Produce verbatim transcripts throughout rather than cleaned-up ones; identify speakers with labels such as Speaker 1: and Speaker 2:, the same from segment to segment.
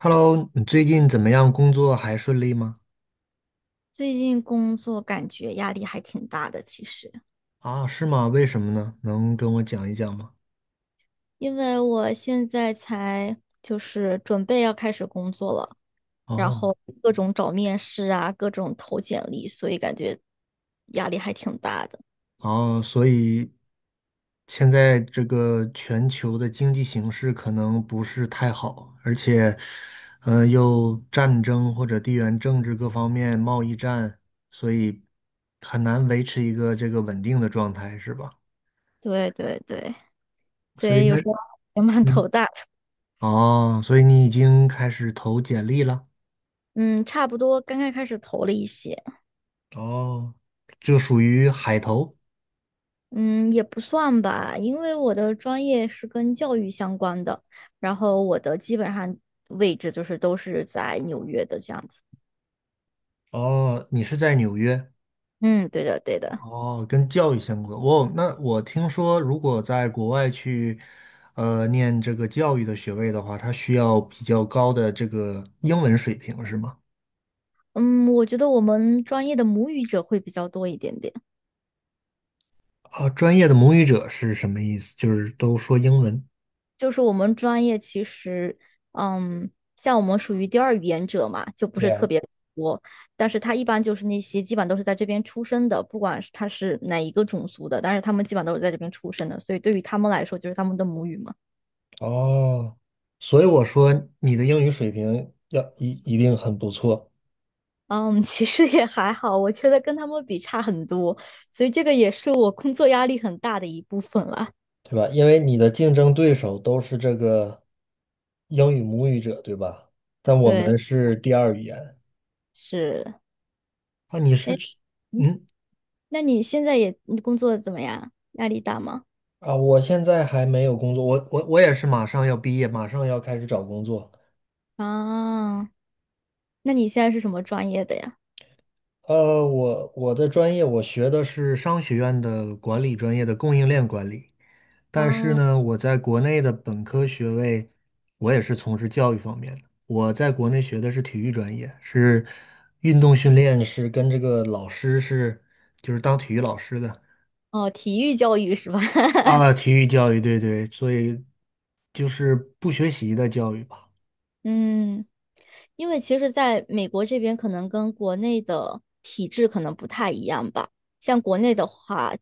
Speaker 1: Hello，你最近怎么样？工作还顺利吗？
Speaker 2: 最近工作感觉压力还挺大的，其实，
Speaker 1: 啊，是吗？为什么呢？能跟我讲一讲吗？
Speaker 2: 因为我现在才就是准备要开始工作了，然
Speaker 1: 哦，
Speaker 2: 后各种找面试啊，各种投简历，所以感觉压力还挺大的。
Speaker 1: 哦，所以现在这个全球的经济形势可能不是太好，而且，呃，又战争或者地缘政治各方面贸易战，所以很难维持一个这个稳定的状态，是吧？
Speaker 2: 对对对，所
Speaker 1: 所以
Speaker 2: 以
Speaker 1: 那，
Speaker 2: 有时候也蛮头
Speaker 1: 嗯，
Speaker 2: 大的。
Speaker 1: 哦，所以你已经开始投简历了。
Speaker 2: 嗯，差不多刚刚开始投了一些。
Speaker 1: 哦，就属于海投。
Speaker 2: 嗯，也不算吧，因为我的专业是跟教育相关的，然后我的基本上位置就是都是在纽约的这样子。
Speaker 1: 哦，你是在纽约？
Speaker 2: 嗯，对的对的。
Speaker 1: 哦，跟教育相关。哦，那我听说，如果在国外去，呃，念这个教育的学位的话，它需要比较高的这个英文水平，是吗？
Speaker 2: 嗯，我觉得我们专业的母语者会比较多一点点。
Speaker 1: 啊，专业的母语者是什么意思？就是都说英文。
Speaker 2: 就是我们专业其实，嗯，像我们属于第二语言者嘛，就不
Speaker 1: 对
Speaker 2: 是特
Speaker 1: 呀。
Speaker 2: 别多。但是他一般就是那些基本都是在这边出生的，不管是他是哪一个种族的，但是他们基本都是在这边出生的，所以对于他们来说就是他们的母语嘛。
Speaker 1: 哦，所以我说你的英语水平要一一定很不错，
Speaker 2: 嗯，其实也还好，我觉得跟他们比差很多，所以这个也是我工作压力很大的一部分啦。
Speaker 1: 对吧？因为你的竞争对手都是这个英语母语者，对吧？但我
Speaker 2: 对，
Speaker 1: 们是第二语言。
Speaker 2: 是。
Speaker 1: 啊，你是
Speaker 2: 诶，
Speaker 1: 去，
Speaker 2: 嗯，
Speaker 1: 嗯，
Speaker 2: 那你现在也你工作怎么样？压力大吗？
Speaker 1: 啊，我现在还没有工作，我我我也是马上要毕业，马上要开始找工作。
Speaker 2: 啊，那你现在是什么专业的呀？
Speaker 1: 呃，我我的专业我学的是商学院的管理专业的供应链管理，但是
Speaker 2: 啊，
Speaker 1: 呢，我在国内的本科学位，我也是从事教育方面的。我在国内学的是体育专业，是运动训练，是跟这个老师是就是当体育老师的
Speaker 2: 哦，体育教育是吧？
Speaker 1: 啊，体育教育，对对，所以就是不学习的教育吧。
Speaker 2: 嗯。因为其实在美国这边，可能跟国内的体制可能不太一样吧。像国内的话，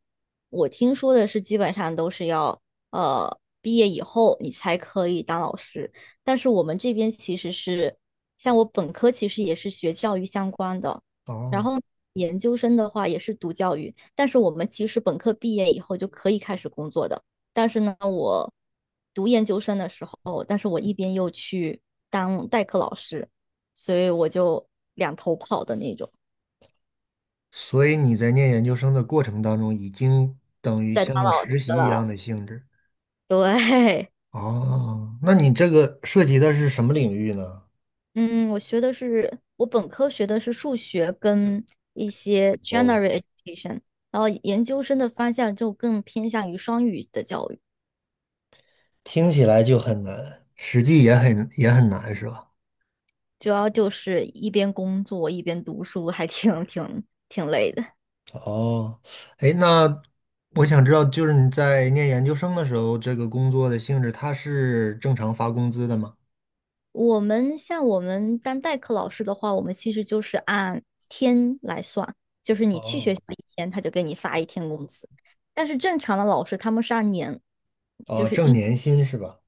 Speaker 2: 我听说的是基本上都是要呃毕业以后你才可以当老师，但是我们这边其实是，像我本科其实也是学教育相关的，然
Speaker 1: 哦，
Speaker 2: 后研究生的话也是读教育，但是我们其实本科毕业以后就可以开始工作的。但是呢，我读研究生的时候，但是我一边又去当代课老师，所以我就两头跑的那种，
Speaker 1: 所以你在念研究生的过程当中，已经等于
Speaker 2: 在当
Speaker 1: 像
Speaker 2: 老师
Speaker 1: 实习一样
Speaker 2: 了。
Speaker 1: 的性质。
Speaker 2: 对。
Speaker 1: 哦，那你这个涉及的是什么领域呢？
Speaker 2: 嗯，我学的是我本科学的是数学跟一些
Speaker 1: 哦，
Speaker 2: general education，然后研究生的方向就更偏向于双语的教育。
Speaker 1: 听起来就很难，实际也很也很难，是吧？
Speaker 2: 主要就是一边工作一边读书，还挺挺挺累的。
Speaker 1: 哦，哎，那我想知道，就是你在念研究生的时候，这个工作的性质，它是正常发工资的吗？
Speaker 2: 我们像我们当代课老师的话，我们其实就是按天来算，就是你去学
Speaker 1: 哦，
Speaker 2: 校一天，他就给你发一天工资。但是正常的老师他们是按年，就
Speaker 1: 哦，
Speaker 2: 是
Speaker 1: 挣
Speaker 2: 一。
Speaker 1: 年薪是吧？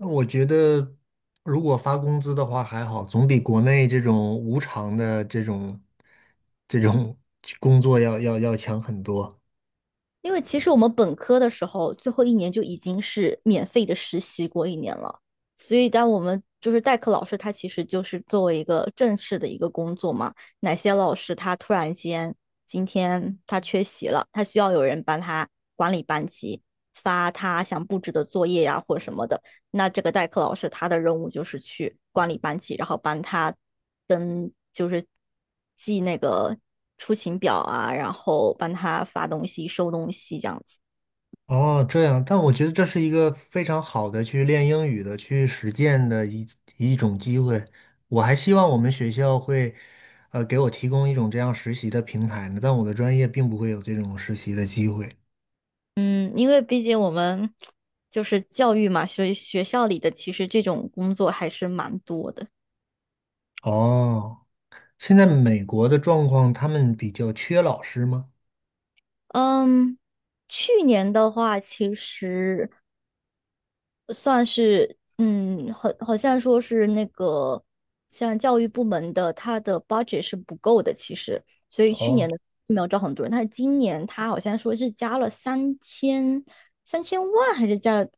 Speaker 1: 我觉得如果发工资的话还好，总比国内这种无偿的这种这种工作要要要强很多。
Speaker 2: 因为其实我们本科的时候，最后一年就已经是免费的实习过一年了，所以当我们就是代课老师，他其实就是作为一个正式的一个工作嘛。哪些老师他突然间今天他缺席了，他需要有人帮他管理班级，发他想布置的作业呀、或者什么的，那这个代课老师他的任务就是去管理班级，然后帮他登就是记那个出勤表啊，然后帮他发东西、收东西这样子。
Speaker 1: 哦，这样，但我觉得这是一个非常好的去练英语的、去实践的一一种机会。我还希望我们学校会，呃，给我提供一种这样实习的平台呢，但我的专业并不会有这种实习的机会。
Speaker 2: 嗯，因为毕竟我们就是教育嘛，所以学校里的其实这种工作还是蛮多的。
Speaker 1: 哦，现在美国的状况，他们比较缺老师吗？
Speaker 2: 嗯，去年的话，其实算是嗯，好，好像说是那个像教育部门的，他的 budget 是不够的，其实，所以去年
Speaker 1: 哦。
Speaker 2: 的没有招很多人。但是今年他好像说是加了三千三千万，还是加了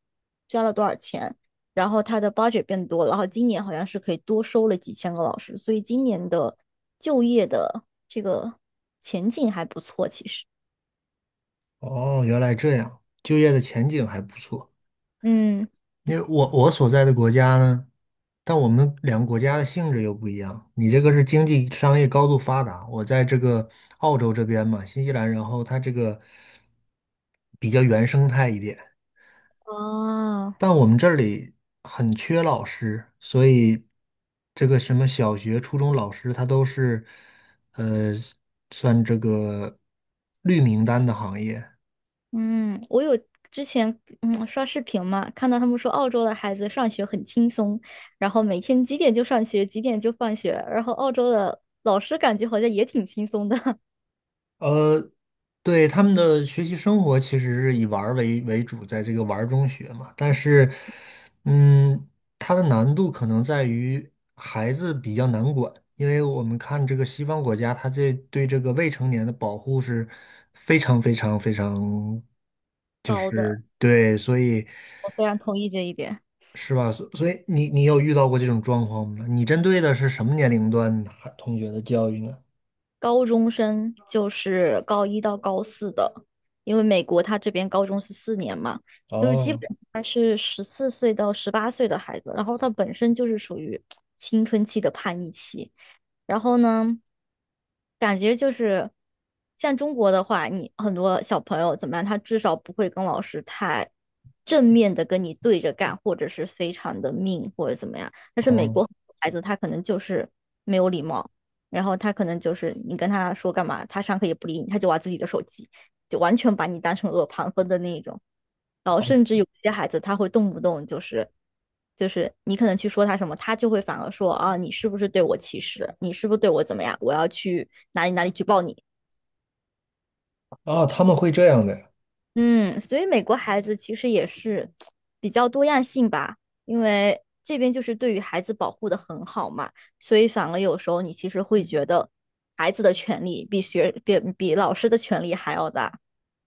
Speaker 2: 加了多少钱？然后他的 budget 变多了，然后今年好像是可以多收了几千个老师，所以今年的就业的这个前景还不错，其实。
Speaker 1: 哦，原来这样，就业的前景还不错。
Speaker 2: 嗯。
Speaker 1: 因为我我所在的国家呢，但我们两个国家的性质又不一样。你这个是经济商业高度发达，我在这个澳洲这边嘛，新西兰，然后它这个比较原生态一点。
Speaker 2: 啊。
Speaker 1: 但我们这里很缺老师，所以这个什么小学、初中老师，他都是呃算这个绿名单的行业。
Speaker 2: 嗯，我有之前嗯刷视频嘛，看到他们说澳洲的孩子上学很轻松，然后每天几点就上学，几点就放学，然后澳洲的老师感觉好像也挺轻松的。
Speaker 1: 呃，对，他们的学习生活其实是以玩儿为为主，在这个玩儿中学嘛。但是，嗯，它的难度可能在于孩子比较难管，因为我们看这个西方国家，它这对这个未成年的保护是非常非常非常，就
Speaker 2: 高的，
Speaker 1: 是对，所以
Speaker 2: 我非常同意这一点。
Speaker 1: 是吧？所所以你你有遇到过这种状况吗？你针对的是什么年龄段的孩同学的教育呢？
Speaker 2: 高中生就是高一到高四的，因为美国他这边高中是四年嘛，就是基本
Speaker 1: 哦
Speaker 2: 他是十四岁到十八岁的孩子，然后他本身就是属于青春期的叛逆期，然后呢，感觉就是像中国的话，你很多小朋友怎么样，他至少不会跟老师太正面的跟你对着干，或者是非常的命或者怎么样。但是美国
Speaker 1: 哦。
Speaker 2: 很多孩子他可能就是没有礼貌，然后他可能就是你跟他说干嘛，他上课也不理你，他就玩自己的手机。就完全把你当成恶旁风的那一种。然后
Speaker 1: 哦，
Speaker 2: 甚至有些孩子他会动不动就是就是你可能去说他什么，他就会反而说啊，你是不是对我歧视？你是不是对我怎么样？我要去哪里哪里举报你。
Speaker 1: 哦，他们会这样的，
Speaker 2: 嗯，所以美国孩子其实也是比较多样性吧，因为这边就是对于孩子保护的很好嘛，所以反而有时候你其实会觉得孩子的权利比学比比老师的权利还要大。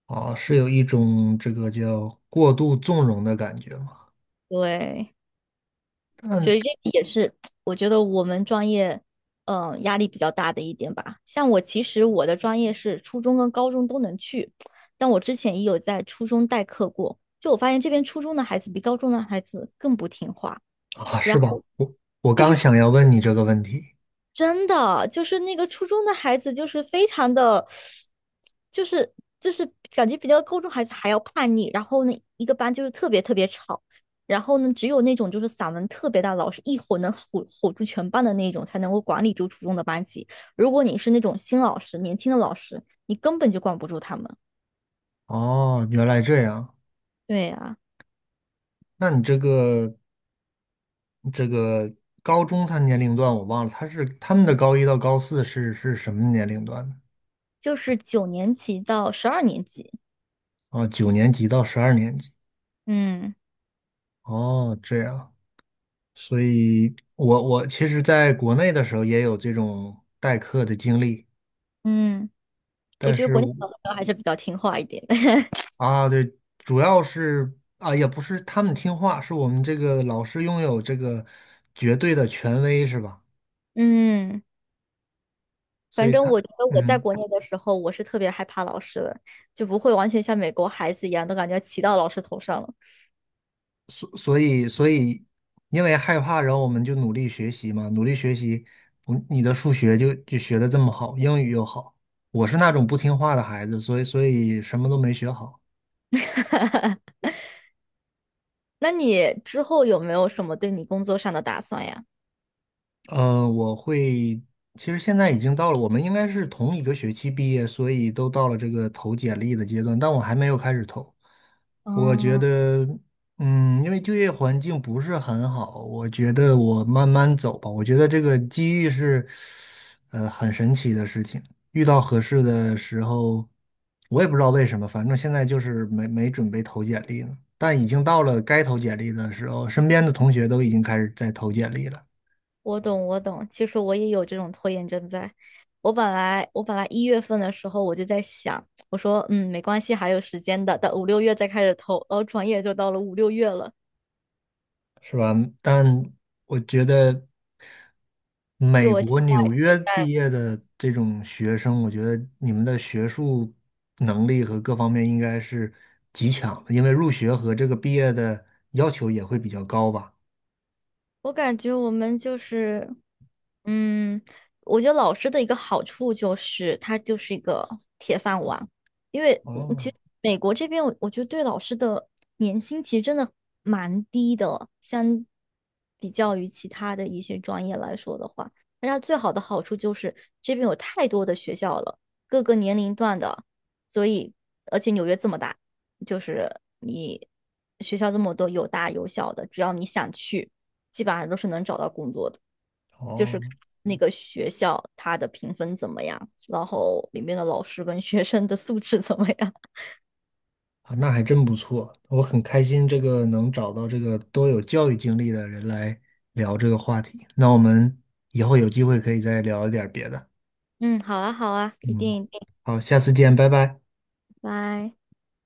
Speaker 1: 啊，是有一种这个叫过度纵容的感觉吗？
Speaker 2: 对，所
Speaker 1: 嗯
Speaker 2: 以这个也是我觉得我们专业，嗯、压力比较大的一点吧。像我其实我的专业是初中跟高中都能去，但我之前也有在初中代课过，就我发现这边初中的孩子比高中的孩子更不听话。
Speaker 1: 啊，是
Speaker 2: 然
Speaker 1: 吧？
Speaker 2: 后。
Speaker 1: 我我刚想要问你这个问题。
Speaker 2: 真的就是那个初中的孩子，就是非常的，就是就是感觉比那个高中孩子还要叛逆。然后呢，一个班就是特别特别吵，然后呢，只有那种就是嗓门特别大，老师一吼能吼吼住全班的那种，才能够管理住初中的班级。如果你是那种新老师、年轻的老师，你根本就管不住他们。
Speaker 1: 哦，原来这样。
Speaker 2: 对啊，
Speaker 1: 那你这个这个高中他年龄段我忘了，他是他们的高一到高四是是什么年龄段呢？
Speaker 2: 就是九年级到十二年级。
Speaker 1: 啊，九年级到十二年级。
Speaker 2: 嗯
Speaker 1: 哦，这样。所以我我其实在国内的时候也有这种代课的经历，
Speaker 2: 嗯，我
Speaker 1: 但
Speaker 2: 觉得
Speaker 1: 是
Speaker 2: 国内
Speaker 1: 我
Speaker 2: 小朋友还是比较听话一点的。
Speaker 1: 啊，对，主要是啊，也不是他们听话，是我们这个老师拥有这个绝对的权威，是吧？
Speaker 2: 嗯。
Speaker 1: 所
Speaker 2: 反
Speaker 1: 以
Speaker 2: 正
Speaker 1: 他，
Speaker 2: 我觉得我在
Speaker 1: 嗯，
Speaker 2: 国内的时候，我是特别害怕老师的，就不会完全像美国孩子一样，都感觉骑到老师头上了。
Speaker 1: 所所以所以，因为害怕，然后我们就努力学习嘛，努力学习，嗯，你的数学就就学的这么好，英语又好，我是那种不听话的孩子，所以所以什么都没学好。
Speaker 2: 那你之后有没有什么对你工作上的打算呀？
Speaker 1: 呃，我会，其实现在已经到了，我们应该是同一个学期毕业，所以都到了这个投简历的阶段，但我还没有开始投。我觉
Speaker 2: 嗯，
Speaker 1: 得，嗯，因为就业环境不是很好，我觉得我慢慢走吧。我觉得这个机遇是，呃，很神奇的事情。遇到合适的时候，我也不知道为什么，反正现在就是没没准备投简历呢。但已经到了该投简历的时候，身边的同学都已经开始在投简历了。
Speaker 2: 我懂，我懂。其实我也有这种拖延症在。我本来我本来一月份的时候我就在想，我说嗯没关系，还有时间的，等五六月再开始投，然后转眼就到了五六月了。
Speaker 1: 是吧？但我觉得美国纽约毕业的这种学生，我觉得你们的学术能力和各方面应该是极强的，因为入学和这个毕业的要求也会比较高吧？
Speaker 2: 我感觉我们就是，嗯，我觉得老师的一个好处就是他就是一个铁饭碗，因为嗯其
Speaker 1: 哦
Speaker 2: 实美国这边我我觉得对老师的年薪其实真的蛮低的，相比较于其他的一些专业来说的话，但它最好的好处就是这边有太多的学校了，各个年龄段的，所以而且纽约这么大，就是你学校这么多，有大有小的，只要你想去。基本上都是能找到工作的，就
Speaker 1: 哦，
Speaker 2: 是那个学校它的评分怎么样，然后里面的老师跟学生的素质怎么样。
Speaker 1: 啊，那还真不错，我很开心这个能找到这个都有教育经历的人来聊这个话题。那我们以后有机会可以再聊一点儿别的。
Speaker 2: 嗯，好啊，好啊，一
Speaker 1: 嗯，
Speaker 2: 定一定，
Speaker 1: 好，下次见，拜拜。
Speaker 2: 拜。